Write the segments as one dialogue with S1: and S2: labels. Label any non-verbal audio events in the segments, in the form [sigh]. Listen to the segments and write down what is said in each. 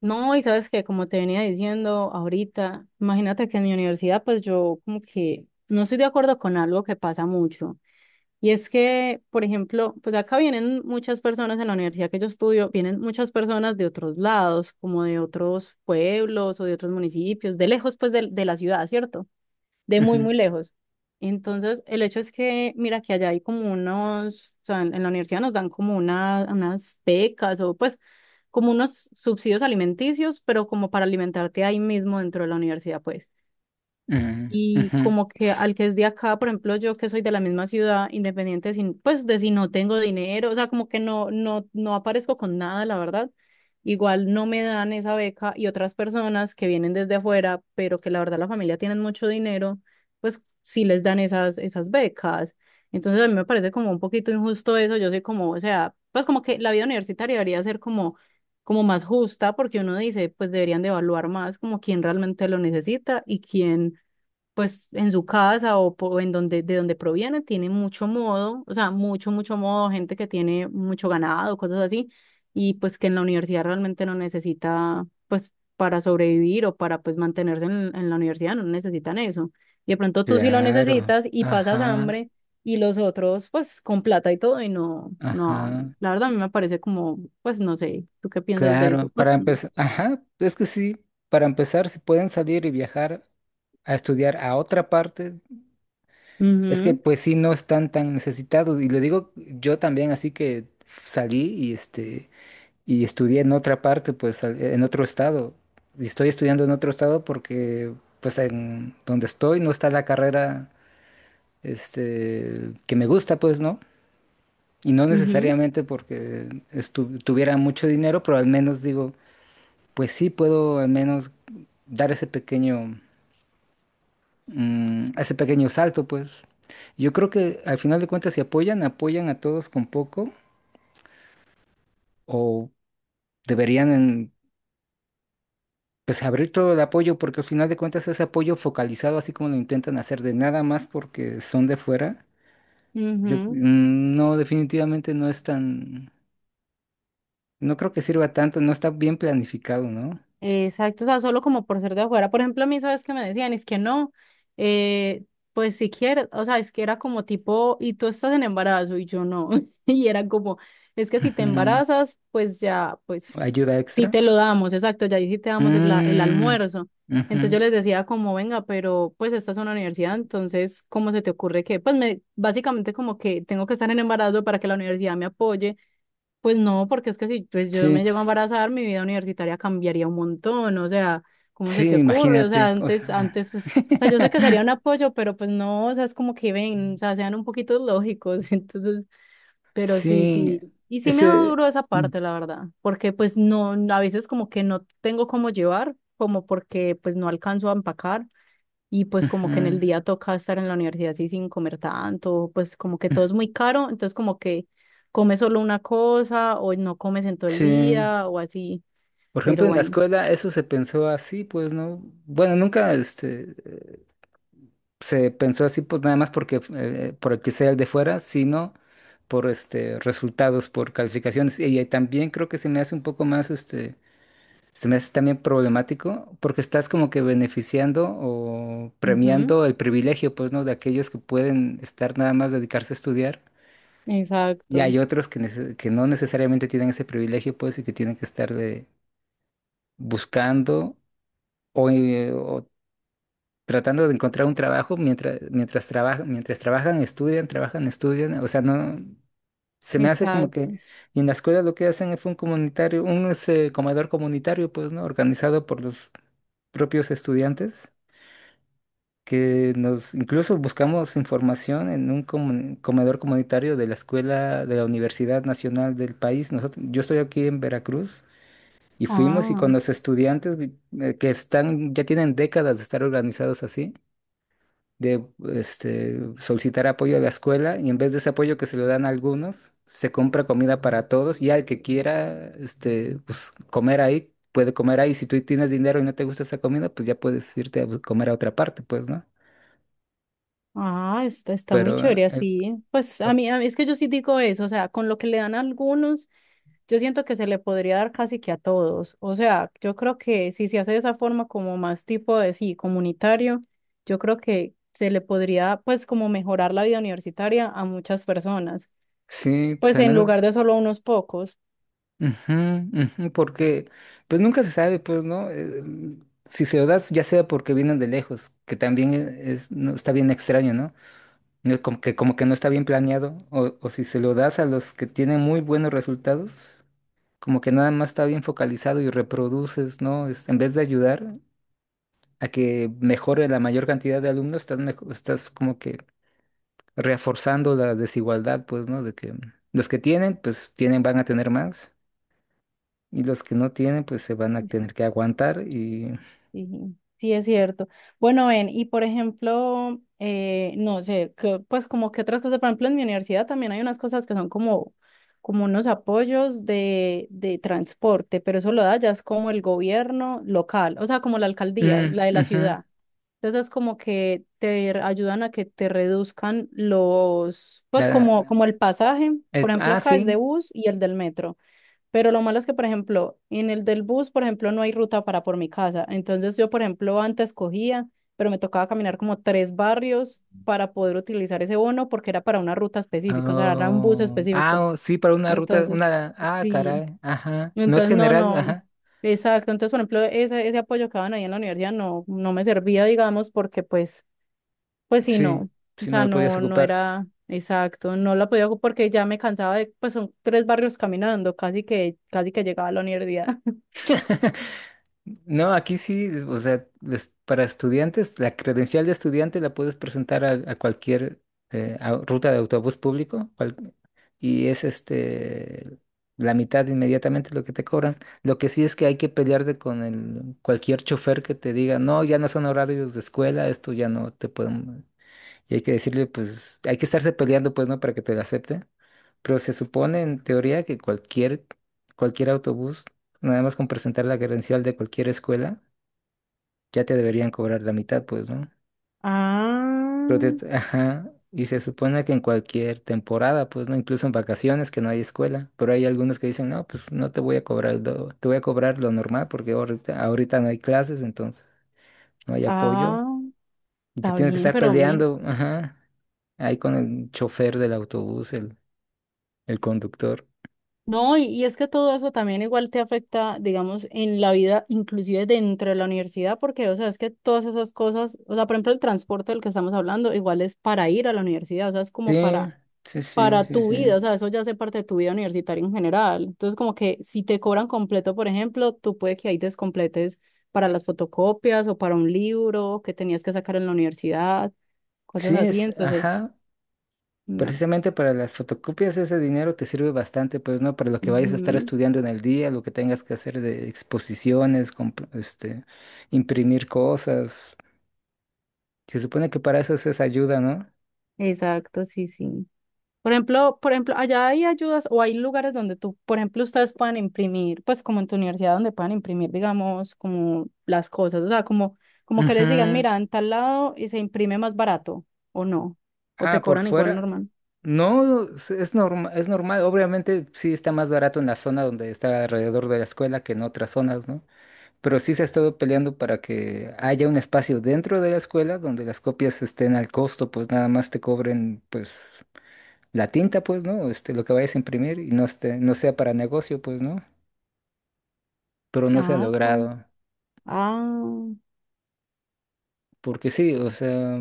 S1: No, y sabes que como te venía diciendo ahorita, imagínate que en mi universidad pues yo como que no estoy de acuerdo con algo que pasa mucho. Y es que, por ejemplo, pues acá vienen muchas personas en la universidad que yo estudio, vienen muchas personas de otros lados, como de otros pueblos o de otros municipios, de lejos pues de la ciudad, ¿cierto? De muy,
S2: Ujú,
S1: muy lejos. Entonces, el hecho es que, mira, que allá hay como unos, o sea, en la universidad nos dan como una, unas becas o pues como unos subsidios alimenticios, pero como para alimentarte ahí mismo dentro de la universidad, pues.
S2: ujú,
S1: Y
S2: ujú.
S1: como que al que es de acá, por ejemplo, yo que soy de la misma ciudad, independiente sin, pues de si no tengo dinero, o sea, como que no aparezco con nada, la verdad. Igual no me dan esa beca y otras personas que vienen desde afuera, pero que la verdad la familia tienen mucho dinero, pues sí les dan esas becas. Entonces a mí me parece como un poquito injusto eso. Yo soy como, o sea, pues como que la vida universitaria debería ser como como más justa, porque uno dice, pues deberían de evaluar más como quién realmente lo necesita y quién pues en su casa o, en donde, de donde proviene, tiene mucho modo, o sea, mucho, mucho modo, gente que tiene mucho ganado, cosas así, y pues que en la universidad realmente no necesita, pues para sobrevivir o para pues mantenerse en la universidad, no necesitan eso. Y de pronto tú sí lo
S2: Claro,
S1: necesitas y pasas
S2: ajá,
S1: hambre, y los otros pues con plata y todo y no, no,
S2: ajá,
S1: la verdad a mí me parece como, pues no sé, ¿tú qué piensas de eso?
S2: claro,
S1: Pues,
S2: para empezar, ajá, es que sí, para empezar, si pueden salir y viajar a estudiar a otra parte, es que
S1: ujú,
S2: pues sí no están tan necesitados, y le digo yo también, así que salí y estudié en otra parte, pues en otro estado, y estoy estudiando en otro estado porque pues en donde estoy no está la carrera, que me gusta, pues, ¿no? Y no
S1: ujú,
S2: necesariamente porque tuviera mucho dinero, pero al menos digo, pues sí puedo al menos dar ese pequeño salto, pues. Yo creo que al final de cuentas, si apoyan, apoyan a todos con poco, o deberían en- pues abrir todo el apoyo, porque al final de cuentas ese apoyo focalizado, así como lo intentan hacer de nada más porque son de fuera, yo
S1: ujú,
S2: no, definitivamente no es tan, no creo que sirva tanto, no está bien planificado, ¿no?
S1: exacto, o sea, solo como por ser de afuera. Por ejemplo, a mí, ¿sabes qué me decían? Es que no, eh, pues si quieres, o sea, es que era como tipo, y tú estás en embarazo y yo no. [laughs] Y era como, es que si te
S2: Ujú.
S1: embarazas, pues ya, pues
S2: ¿Ayuda
S1: sí
S2: extra?
S1: te lo damos, exacto, ya ahí sí te damos el, el
S2: Mm,
S1: almuerzo. Entonces yo
S2: ujú.
S1: les decía como, venga, pero pues esta es una universidad, entonces, ¿cómo se te ocurre que? Pues me, básicamente como que tengo que estar en embarazo para que la universidad me apoye, pues no, porque es que si pues yo
S2: Sí,
S1: me llego a embarazar, mi vida universitaria cambiaría un montón, o sea, ¿cómo se
S2: sí,
S1: te ocurre? O sea,
S2: imagínate. O
S1: antes,
S2: sea,
S1: antes, pues, o sea, yo sé que sería un
S2: [laughs]
S1: apoyo, pero pues no, o sea, es como que ven, o sea, sean un poquito lógicos, [laughs] entonces, pero sí,
S2: sí,
S1: sí, y sí me ha dado
S2: ese...
S1: duro esa
S2: ujú,
S1: parte, la verdad, porque pues no, a veces como que no tengo cómo llevar, como porque pues no alcanzo a empacar, y pues como que en el
S2: ujú.
S1: día toca estar en la universidad así sin comer tanto, pues como que todo
S2: Mm,
S1: es muy caro, entonces como que comes solo una cosa o no comes en todo el
S2: sí.
S1: día o así,
S2: Por ejemplo,
S1: pero
S2: en la
S1: bueno.
S2: escuela eso se pensó así, pues, ¿no? Bueno, nunca se pensó así pues, nada más porque por el que sea el de fuera, sino por este resultados, por calificaciones. Y, también creo que se me hace un poco más este Se me hace también problemático porque estás como que beneficiando o
S1: Ujú,
S2: premiando el privilegio, pues, ¿no? De aquellos que pueden estar nada más dedicarse a estudiar y
S1: exacto,
S2: hay otros que, que no necesariamente tienen ese privilegio, pues, y que tienen que estar buscando o tratando de encontrar un trabajo mientras trabajan, estudian, trabajan, estudian. O sea, no, se me hace como
S1: exacto.
S2: que y en la escuela lo que hacen es un comunitario, un ese, comedor comunitario, pues, ¿no? Organizado por los propios estudiantes que nos incluso buscamos información en un comedor comunitario de la escuela de la Universidad Nacional del país. Nosotros, yo estoy aquí en Veracruz y fuimos y
S1: Ah,
S2: con los estudiantes que están, ya tienen décadas de estar organizados así, de solicitar apoyo a la escuela y en vez de ese apoyo que se lo dan a algunos, se compra comida para todos y al que quiera pues, comer ahí. Puede comer ahí, si tú tienes dinero y no te gusta esa comida, pues ya puedes irte a comer a otra parte, pues, ¿no?
S1: ah, está, está
S2: Pero
S1: muy chévere
S2: eh,
S1: así. Pues
S2: Eh,
S1: a mí es que yo sí digo eso, o sea, con lo que le dan a algunos. Yo siento que se le podría dar casi que a todos. O sea, yo creo que si se hace de esa forma como más tipo de sí, comunitario, yo creo que se le podría pues como mejorar la vida universitaria a muchas personas,
S2: Sí, pues
S1: pues
S2: al
S1: en
S2: menos,
S1: lugar de solo a unos pocos.
S2: ujú, ujú, porque pues nunca se sabe, pues, ¿no? Si se lo das, ya sea porque vienen de lejos, que también es, no, está bien extraño, ¿no? No, Como que no está bien planeado, o si se lo das a los que tienen muy buenos resultados, como que nada más está bien focalizado y reproduces, ¿no? En vez de ayudar a que mejore la mayor cantidad de alumnos, estás como que reforzando la desigualdad, pues, ¿no? De que los que tienen, pues tienen, van a tener más. Y los que no tienen, pues se van a tener que aguantar y...
S1: Sí, sí, es cierto. Bueno, ven, y por ejemplo, no sé, que, pues como que otras cosas, por ejemplo, en mi universidad también hay unas cosas que son como, como unos apoyos de transporte, pero eso lo da ya es como el gobierno local, o sea, como la alcaldía,
S2: Mm,
S1: la de la
S2: ujú.
S1: ciudad. Entonces es como que te ayudan a que te reduzcan los, pues como,
S2: La-
S1: como el pasaje, por ejemplo,
S2: ah,
S1: acá es
S2: sí.
S1: de bus y el del metro. Pero lo malo es que, por ejemplo, en el del bus, por ejemplo, no hay ruta para por mi casa. Entonces yo, por ejemplo, antes cogía, pero me tocaba caminar como tres barrios para poder utilizar ese bono porque era para una ruta específica, o sea, era un bus
S2: Oh, ah,
S1: específico.
S2: oh, sí, para una ruta,
S1: Entonces,
S2: Ah,
S1: sí,
S2: caray, ajá. No es
S1: entonces no,
S2: general,
S1: no,
S2: ajá.
S1: exacto. Entonces, por ejemplo, ese apoyo que daban ahí en la universidad no, no me servía, digamos, porque pues pues sí,
S2: Sí,
S1: no, o
S2: si no
S1: sea,
S2: lo podías
S1: no, no
S2: ocupar.
S1: era exacto, no la podía porque ya me cansaba de, pues son tres barrios caminando, casi que llegaba a la universidad. [laughs]
S2: [laughs] No, aquí sí, o sea, para estudiantes, la credencial de estudiante la puedes presentar a cualquier ruta de autobús público y es la mitad inmediatamente lo que te cobran. Lo que sí es que hay que pelearte con cualquier chofer que te diga, no, ya no son horarios de escuela, esto ya no te pueden. Y hay que decirle, pues, hay que estarse peleando, pues, ¿no? Para que te la acepten. Pero se supone, en teoría, que cualquier autobús, nada más con presentar la credencial de cualquier escuela, ya te deberían cobrar la mitad, pues, ¿no? Pero
S1: Ah,
S2: [laughs] ajá, y se supone que en cualquier temporada, pues, ¿no? Incluso en vacaciones que no hay escuela. Pero hay algunos que dicen, no, pues, no te voy a cobrar, te voy a cobrar lo normal porque ahorita, ahorita no hay clases, entonces no hay apoyo.
S1: ah,
S2: Y te
S1: está
S2: tienes que
S1: bien,
S2: estar
S1: pero mira,
S2: peleando, ajá, ahí con el chofer del autobús, el conductor.
S1: no, y es que todo eso también igual te afecta, digamos, en la vida, inclusive dentro de la universidad, porque, o sea, es que todas esas cosas, o sea, por ejemplo, el transporte del que estamos hablando, igual es para ir a la universidad, o sea, es como
S2: Sí, sí, sí,
S1: para
S2: sí,
S1: tu
S2: sí.
S1: vida, o sea, eso ya hace parte de tu vida universitaria en general. Entonces, como que si te cobran completo, por ejemplo, tú puede que ahí descompletes para las fotocopias o para un libro que tenías que sacar en la universidad, cosas
S2: Sí,
S1: así. Entonces,
S2: ajá.
S1: no.
S2: Precisamente para las fotocopias ese dinero te sirve bastante, pues, ¿no? Para lo que vayas a estar
S1: Ujú.
S2: estudiando en el día, lo que tengas que hacer de exposiciones, imprimir cosas. Se supone que para eso es esa ayuda, ¿no?
S1: Exacto, sí, sí. Por ejemplo, allá hay ayudas o hay lugares donde tú, por ejemplo, ustedes puedan imprimir, pues como en tu universidad donde puedan imprimir, digamos, como las cosas, o sea, como, como que les digan,
S2: Ujú.
S1: mira, en tal lado y se imprime más barato, o no, o te
S2: Ah, por
S1: cobran igual
S2: fuera.
S1: normal.
S2: No, es normal. Obviamente sí está más barato en la zona donde está alrededor de la escuela que en otras zonas, ¿no? Pero sí se ha estado peleando para que haya un espacio dentro de la escuela donde las copias estén al costo, pues nada más te cobren pues la tinta, pues, ¿no? Lo que vayas a imprimir y no esté, no sea para negocio, pues, ¿no? Pero no se ha
S1: Ah, está.
S2: logrado,
S1: Ah, o
S2: porque sí, o sea,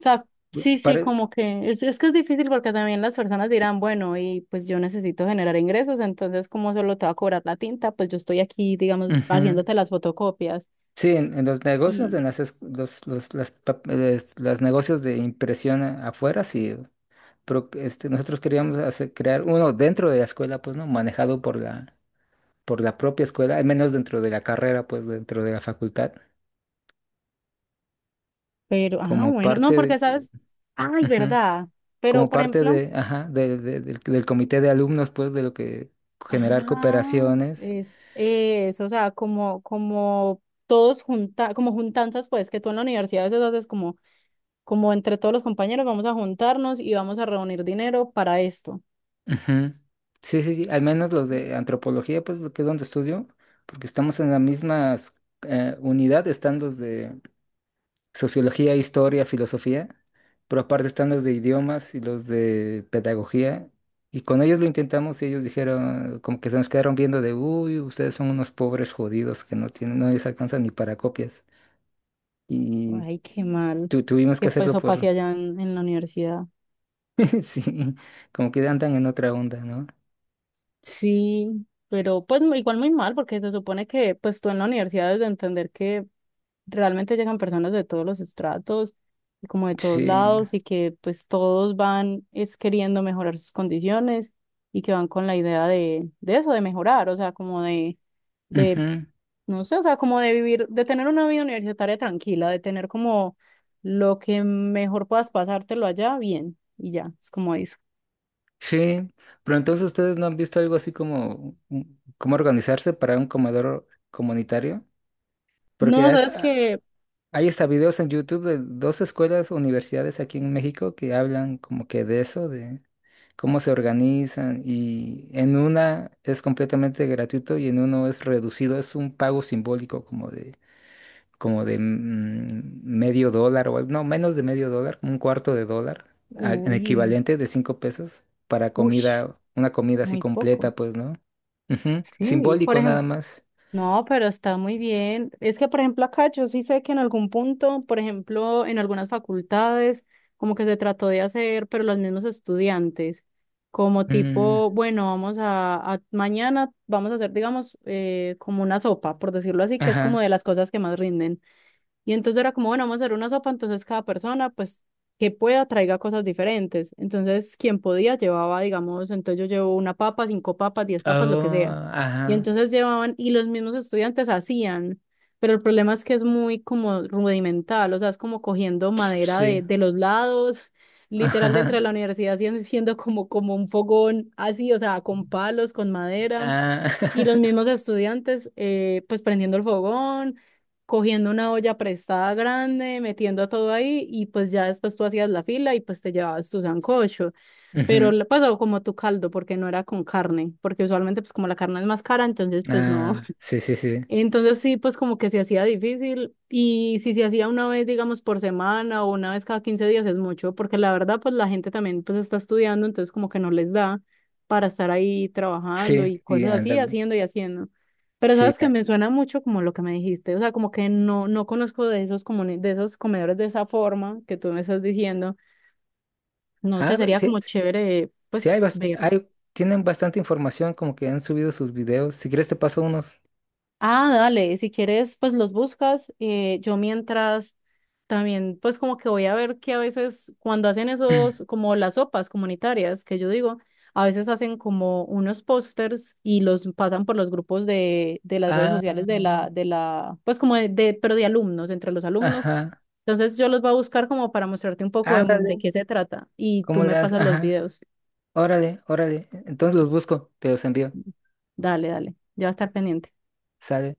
S1: sea, sí, sí,
S2: para
S1: como que es que es difícil porque también las personas dirán, bueno, y pues yo necesito generar ingresos, entonces como solo te va a cobrar la tinta, pues yo estoy aquí, digamos, haciéndote las fotocopias.
S2: Sí, en los negocios, en las, es- los- las, pa- les- las negocios de impresión afuera, sí, pero nosotros queríamos crear uno dentro de la escuela, pues, ¿no? Manejado por la propia escuela, al menos dentro de la carrera, pues dentro de la facultad,
S1: Pero, ah,
S2: como
S1: bueno, no,
S2: parte
S1: porque
S2: de,
S1: sabes, ay,
S2: ujú,
S1: verdad, pero
S2: como
S1: por
S2: parte
S1: ejemplo,
S2: de, ajá, del comité de alumnos, pues de lo que generar
S1: ah,
S2: cooperaciones.
S1: es eso, o sea, como, como todos junta, como juntanzas, pues, que tú en la universidad a veces haces como, como entre todos los compañeros vamos a juntarnos y vamos a reunir dinero para esto.
S2: Ujú. Sí, sí, sí, al menos los de antropología, pues que es donde estudio, porque estamos en la misma unidad, están los de sociología, historia, filosofía, pero aparte están los de idiomas y los de pedagogía. Y con ellos lo intentamos y ellos dijeron, como que se nos quedaron viendo de, uy, ustedes son unos pobres jodidos que no tienen, no les alcanzan ni para copias. Y
S1: Ay, qué mal,
S2: tuvimos que
S1: que pues
S2: hacerlo
S1: eso
S2: por,
S1: pase allá en la universidad.
S2: [laughs] sí, como que andan en otra onda, ¿no?
S1: Sí, pero pues igual muy mal, porque se supone que pues tú en la universidad debes de entender que realmente llegan personas de todos los estratos y como de todos
S2: Sí.
S1: lados y que pues todos van es queriendo mejorar sus condiciones y que van con la idea de eso, de mejorar, o sea, como de,
S2: Ujú,
S1: no sé, o sea, como de vivir, de tener una vida universitaria tranquila, de tener como lo que mejor puedas pasártelo allá, bien, y ya, es como eso.
S2: sí, pero entonces ustedes no han visto algo así como cómo organizarse para un comedor comunitario. Porque
S1: No, sabes que,
S2: hay hasta videos en YouTube de dos escuelas, universidades aquí en México que hablan como que de eso, de cómo se organizan y en una es completamente gratuito y en uno es reducido, es un pago simbólico como de, medio dólar o no, menos de medio dólar, como un cuarto de dólar, en
S1: uy,
S2: equivalente de 5 pesos para
S1: ush,
S2: comida, una comida así
S1: muy poco.
S2: completa, pues, ¿no? Ujú,
S1: Sí, por
S2: simbólico nada
S1: ejemplo,
S2: más.
S1: no, pero está muy bien. Es que, por ejemplo, acá yo sí sé que en algún punto, por ejemplo, en algunas facultades, como que se trató de hacer, pero los mismos estudiantes, como
S2: Mm,
S1: tipo, bueno, vamos a, mañana vamos a hacer, digamos, como una sopa, por decirlo así, que es como
S2: ajá.
S1: de las cosas que más rinden. Y entonces era como, bueno, vamos a hacer una sopa, entonces cada persona, pues, que pueda, traiga cosas diferentes. Entonces, quien podía llevaba, digamos, entonces yo llevo una papa, cinco papas, diez papas, lo que sea.
S2: Oh,
S1: Y
S2: ajá.
S1: entonces llevaban, y los mismos estudiantes hacían, pero el problema es que es muy como rudimental, o sea, es como cogiendo madera
S2: Sí.
S1: de los lados, [laughs] literal
S2: Ajá.
S1: dentro de la universidad, haciendo siendo como, como un fogón así, o sea, con palos, con madera.
S2: Ah.
S1: Y los
S2: [laughs]
S1: mismos estudiantes, pues prendiendo el fogón, cogiendo una olla prestada grande, metiendo todo ahí y pues ya después tú hacías la fila y pues te llevabas tu sancocho, pero
S2: Ujú,
S1: le pasó como tu caldo porque no era con carne, porque usualmente pues como la carne es más cara, entonces pues no,
S2: ah, sí, sí, sí.
S1: entonces sí, pues como que se hacía difícil y si se hacía una vez, digamos, por semana o una vez cada 15 días es mucho, porque la verdad, pues la gente también pues está estudiando, entonces como que no les da para estar ahí trabajando
S2: Sí,
S1: y
S2: y
S1: cosas así,
S2: anda.
S1: haciendo y haciendo. Pero
S2: Sí.
S1: sabes que me suena mucho como lo que me dijiste, o sea, como que no, no conozco de esos, de esos comedores de esa forma que tú me estás diciendo. No
S2: Ah,
S1: sé,
S2: pero
S1: sería
S2: sí,
S1: como
S2: sí,
S1: chévere,
S2: sí hay,
S1: pues, ver.
S2: tienen bastante información como que han subido sus videos. Si quieres te paso unos.
S1: Ah, dale, si quieres, pues los buscas. Yo mientras también, pues como que voy a ver que a veces cuando hacen esos, como las sopas comunitarias, que yo digo, a veces hacen como unos pósters y los pasan por los grupos de las redes sociales
S2: Ah,
S1: de la, pues como de, pero de alumnos, entre los alumnos.
S2: ajá.
S1: Entonces yo los voy a buscar como para mostrarte un poco
S2: Ándale.
S1: de qué se trata y tú
S2: ¿Cómo le
S1: me
S2: haces?
S1: pasas los
S2: Ajá.
S1: videos.
S2: Órale, órale. Entonces los busco, te los envío.
S1: Dale, dale, ya va a estar pendiente.
S2: Sale.